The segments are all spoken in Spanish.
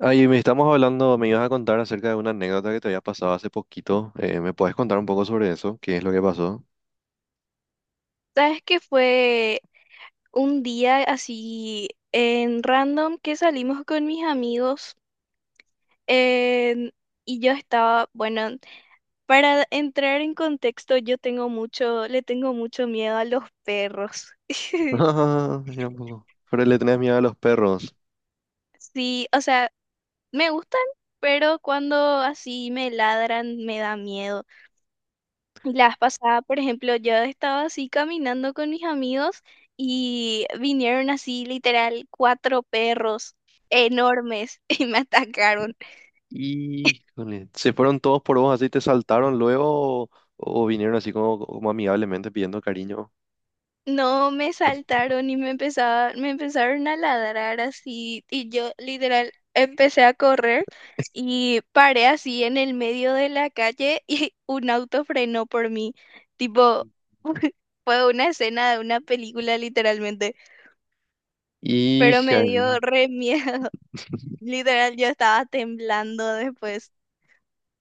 Ay, me estamos hablando, me ibas a contar acerca de una anécdota que te había pasado hace poquito. ¿Me puedes contar un poco sobre eso? ¿Qué es lo que pasó? ¿Sabes que fue un día así en random que salimos con mis amigos? en- y yo estaba, bueno, para entrar en contexto, yo tengo mucho, le tengo mucho miedo a los perros. Ah, mira un poco. Pero le tenés miedo a los perros. Sí, o sea, me gustan, pero cuando así me ladran me da miedo. Y la vez pasada, por ejemplo, yo estaba así caminando con mis amigos y vinieron así literal cuatro perros enormes y me atacaron. Híjole. ¿Se fueron todos por vos así, te saltaron luego o vinieron así como amigablemente pidiendo cariño? No me saltaron y me empezaron a ladrar así y yo literal empecé a correr y paré así en el medio de la calle y un auto frenó por mí. Tipo, fue una escena de una película literalmente, pero Hija, me dio re miedo. Literal, yo estaba temblando después.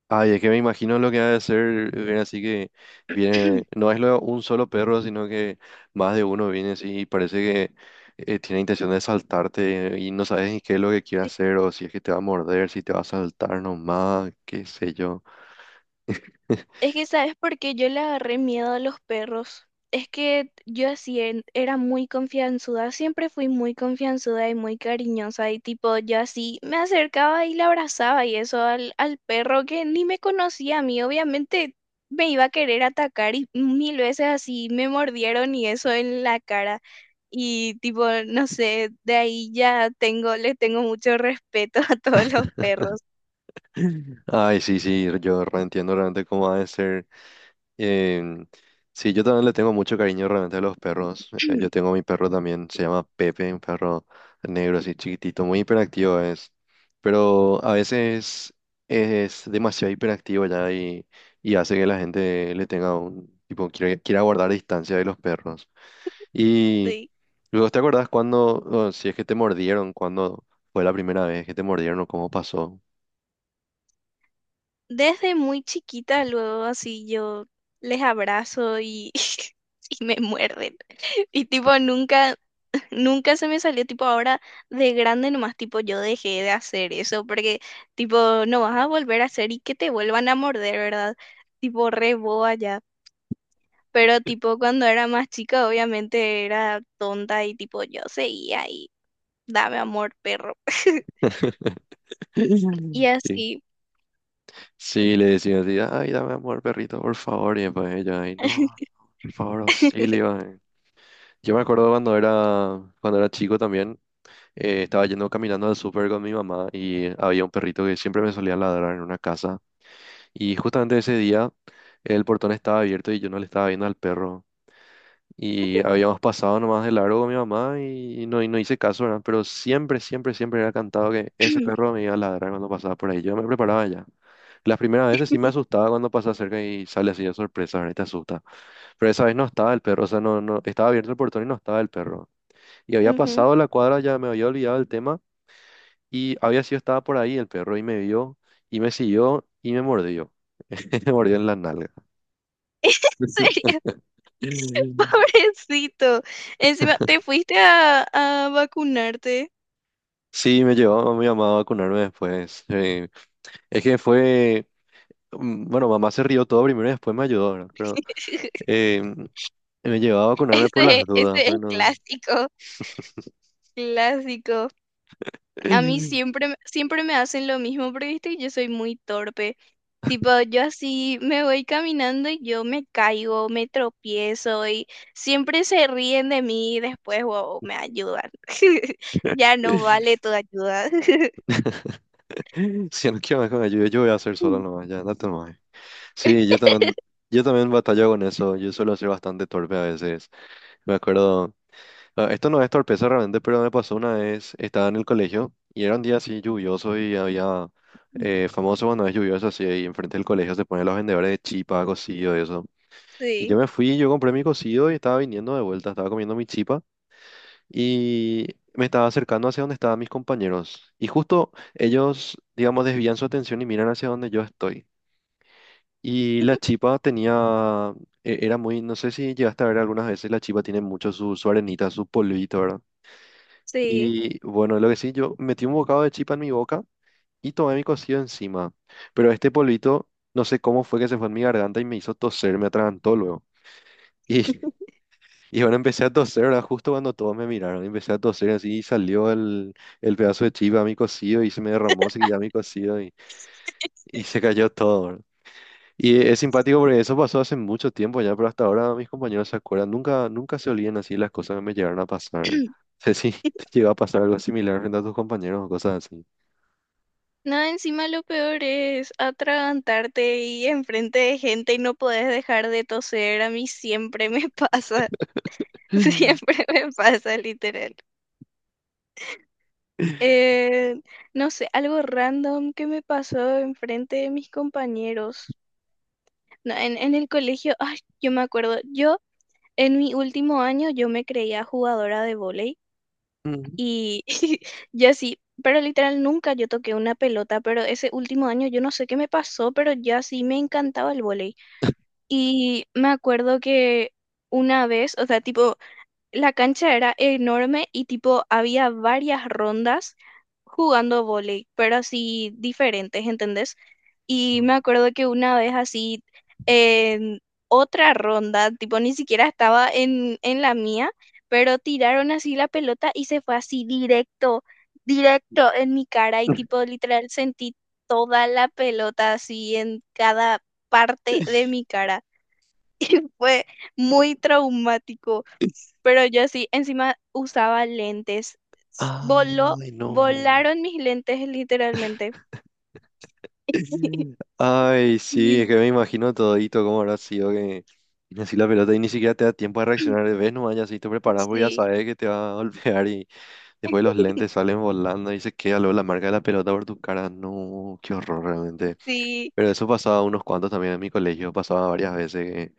ay, es que me imagino lo que ha de ser, viene así que viene, no es lo- un solo perro, sino que más de uno viene así y parece que tiene intención de saltarte y no sabes ni qué es lo que quiere Sí. hacer o si es que te va a morder, si te va a saltar nomás, qué sé yo. Es que, ¿sabes por qué yo le agarré miedo a los perros? Es que yo así era muy confianzuda, siempre fui muy confianzuda y muy cariñosa y tipo, yo así me acercaba y le abrazaba y eso al perro que ni me conocía a mí, obviamente me iba a querer atacar y mil veces así me mordieron y eso en la cara y tipo, no sé, de ahí ya tengo, le tengo mucho respeto a todos los perros. Ay, sí, sí, yo reentiendo realmente cómo ha de ser. Em, sí, yo también le tengo mucho cariño realmente a los perros. Yo tengo mi perro también, se llama Pepe, un perro negro así chiquitito, muy hiperactivo es. Pero a veces es demasiado hiperactivo ya y hace que la gente le tenga un tipo, quiera guardar distancia de los perros. Y Sí. luego, ¿te acordás cuando, o si es que te mordieron, cuando fue la primera vez que te mordieron o cómo pasó? Desde muy chiquita, luego así yo les abrazo y, y me muerden. Y tipo, nunca, nunca se me salió, tipo, ahora de grande nomás, tipo, yo dejé de hacer eso, porque tipo, no vas a volver a hacer y que te vuelvan a morder, ¿verdad? Tipo, re boba ya. Pero tipo, cuando era más chica, obviamente era tonta y tipo, yo seguía y dame amor, perro. Y Sí. así. Sí, le decía así, ay, dame amor, perrito, por favor. Y después ella, ay, no, por favor, auxilio. Yo me acuerdo cuando era chico también, estaba yendo caminando al súper con mi mamá y había un perrito que siempre me solía ladrar en una casa. Y justamente ese día el portón estaba abierto y yo no le estaba viendo al perro. Y habíamos pasado nomás de largo con mi mamá y no hice caso, ¿verdad? Pero siempre, siempre, siempre era cantado que ese perro me iba a ladrar cuando pasaba por ahí. Yo me preparaba ya. Las primeras veces sí me asustaba cuando pasaba cerca y sale así de sorpresa, ¿verdad? Y te asusta. Pero esa vez no estaba el perro, o sea, no, no, estaba abierto el portón y no estaba el perro. Y había Ujú. pasado la cuadra, ya me había olvidado el tema y había sido, estaba por ahí el perro y me vio y me siguió y me mordió. Me mordió en la nalga. ¿En serio? Pobrecito. Encima, ¿te fuiste a vacunarte? Sí, me llevó a mi mamá a vacunarme después. Es que fue, bueno, mamá se rió todo primero y después me ayudó, ¿verdad? Pero em, me llevaba a vacunarme por Ese, las dudas, ese es pero no. clásico, clásico. A mí siempre, siempre me hacen lo mismo, pero viste, yo soy muy torpe. Tipo, yo así me voy caminando y yo me caigo, me tropiezo y siempre se ríen de mí y después, wow, me ayudan. Ya no vale tu ayuda. Si no quiero más que me ayude, yo voy a hacer solo nomás, ya, no te muevas. Sí, yo también batallo con eso, yo suelo ser bastante torpe a veces. Me acuerdo, ah, esto no es torpeza realmente, pero me pasó una vez, estaba en el colegio y era un día así lluvioso y había, famoso cuando es lluvioso así, y enfrente del colegio se ponen los vendedores de chipa, cocido y eso. Y yo Sí, me fui, yo compré mi cocido y estaba viniendo de vuelta, estaba comiendo mi chipa y me estaba acercando hacia donde estaban mis compañeros. Y justo ellos, digamos, desvían su atención y miran hacia donde yo estoy. Y la chipa tenía, era muy, no sé si llegaste a ver algunas veces, la chipa tiene mucho su arenita, su polvito, ¿verdad? sí. Y bueno, lo que sí, yo metí un bocado de chipa en mi boca y tomé mi cocido encima. Pero este polvito, no sé cómo fue que se fue en mi garganta y me hizo toser, me atragantó luego. y Y bueno, empecé a toser, ¿verdad? Justo cuando todos me miraron, empecé a toser así y salió el pedazo de chiva a mi cocido y se me derramó, se ya mi cocido y se cayó todo, ¿verdad? Y es simpático porque eso pasó hace mucho tiempo ya, pero hasta ahora mis compañeros se acuerdan, nunca, nunca se olvidan así las cosas que me llegaron a pasar. No sé si te llegó a pasar algo similar frente a tus compañeros o cosas así. No, encima lo peor es atragantarte y enfrente de gente y no podés dejar de toser. A mí siempre me pasa, siempre me pasa, literal. Eh, no sé, algo random que me pasó enfrente de mis compañeros. No, en el colegio, ay, yo me acuerdo, yo en mi último año yo me creía jugadora de vóley Mm. y yo así, pero literal nunca yo toqué una pelota, pero ese último año yo no sé qué me pasó, pero ya sí me encantaba el vóley. Y me acuerdo que una vez, o sea, tipo, la cancha era enorme y tipo, había varias rondas jugando vóley, pero así diferentes, ¿entendés? Y me acuerdo que una vez así, en otra ronda, tipo, ni siquiera estaba en la mía, pero tiraron así la pelota y se fue así directo, directo en mi cara y tipo, literal, sentí toda la pelota así en cada parte de mi cara, fue muy traumático, pero yo sí, encima usaba lentes. S- Voló, Ay, no. Volaron mis lentes literalmente. Ay, sí, es Y- que me imagino todito cómo habrá sido que tienes así la pelota y ni siquiera te da tiempo de reaccionar ves vez, no ya si te preparas porque ya Sí, sabes que te va a golpear y después los lentes salen volando y se queda luego la marca de la pelota por tu cara. No, qué horror realmente. sí, Pero eso pasaba unos cuantos también en mi colegio, pasaba varias veces. Que,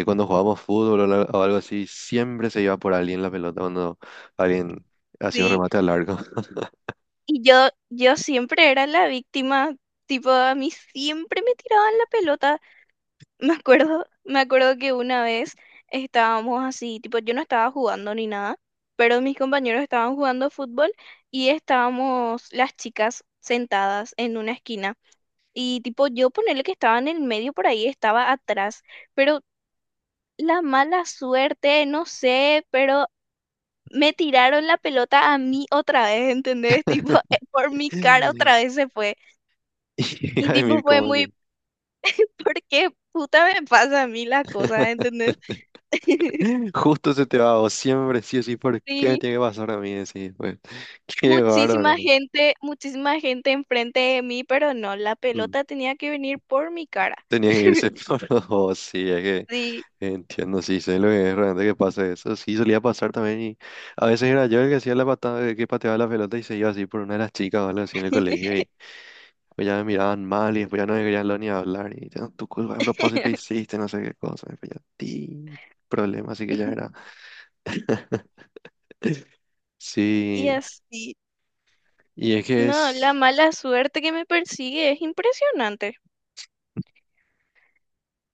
cuando jugábamos fútbol o algo así, siempre se iba por alguien la pelota cuando alguien hacía un sí. remate al largo. Y yo siempre era la víctima, tipo, a mí siempre me tiraban la pelota. Me acuerdo que una vez estábamos así, tipo, yo no estaba jugando ni nada, pero mis compañeros estaban jugando fútbol y estábamos las chicas sentadas en una esquina. Y tipo, yo ponerle que estaba en el medio por ahí, estaba atrás. Pero la mala suerte, no sé, pero me tiraron la pelota a mí otra vez, ¿entendés? Tipo, por mi cara otra vez se fue. Y Y tipo, Jaime, fue como muy, ¿por qué puta me pasa a mí la cosa, ¿entendés? justo se te va, o siempre sí o sí, ¿por qué me Sí, tiene que pasar a mí? Decís, pues, qué bárbaro. Muchísima gente enfrente de mí, pero no, la Mm, pelota tenía que venir por mi cara. tenía que irse por los dos, sí, es que Sí, entiendo, sí, sé lo que es realmente que pasa eso. Sí, solía pasar también y a veces era yo el que hacía la patada, el que pateaba la pelota y se iba así por una de las chicas o algo así en el colegio y pues ya me miraban mal y después ya no me querían lo ni hablar y "Ah, tu culpa a propósito hiciste no sé qué cosa, y pues ya, ti, problema, así que ya era. y Sí, así. y es que No, la es... mala suerte que me persigue es impresionante.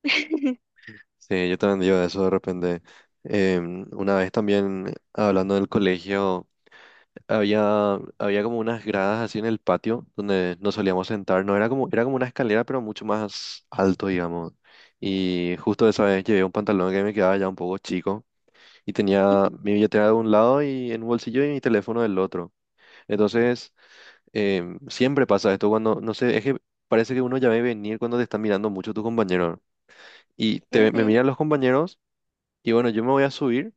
Sí, yo también digo eso de repente. Una vez también hablando del colegio, había como unas gradas así en el patio donde nos solíamos sentar. No era como, era como una escalera, pero mucho más alto, digamos. Y justo esa vez llevé un pantalón que me quedaba ya un poco chico y tenía mi billetera de un lado y en un bolsillo y mi teléfono del otro. Entonces, siempre pasa esto cuando, no sé, es que parece que uno ya ve venir cuando te están mirando mucho tu compañero. Me Ujú, miran los compañeros. Y bueno, yo me voy a subir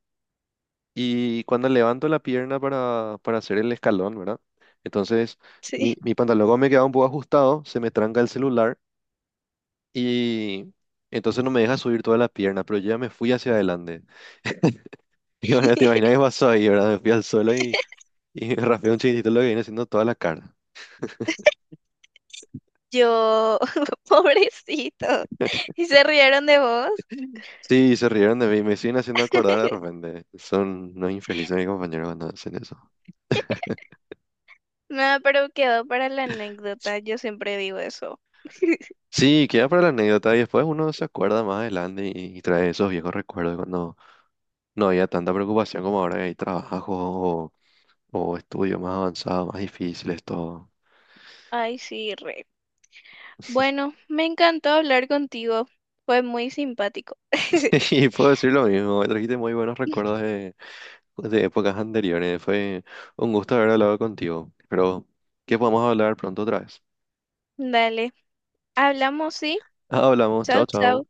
y cuando levanto la pierna para hacer el escalón, ¿verdad? Entonces, sí. Mi pantalón como me queda un poco ajustado, se me tranca el celular y entonces no me deja subir toda la pierna, pero yo ya me fui hacia adelante. Y bueno, te imaginas qué pasó ahí, ¿verdad? Me fui al suelo y me raspé un chiquitito lo que viene haciendo toda la cara. Yo, pobrecito. ¿Y se rieron de vos? Sí, se rieron de mí, me siguen haciendo acordar de repente. Son unos infelices mis compañeros cuando hacen eso. Nada, pero quedó para la anécdota. Yo siempre digo eso. Sí, queda para la anécdota y después uno se acuerda más adelante y trae esos viejos recuerdos de cuando no había tanta preocupación como ahora que hay trabajos o estudios más avanzados, más difíciles, todo. Ay, sí, re. Bueno, me encantó hablar contigo. Fue muy simpático. Y puedo decir lo mismo, me trajiste muy buenos recuerdos de épocas anteriores. Fue un gusto haber hablado contigo. Pero que podamos hablar pronto otra vez. Dale. Hablamos, ¿sí? Hablamos, Chao, chao, chao. chao.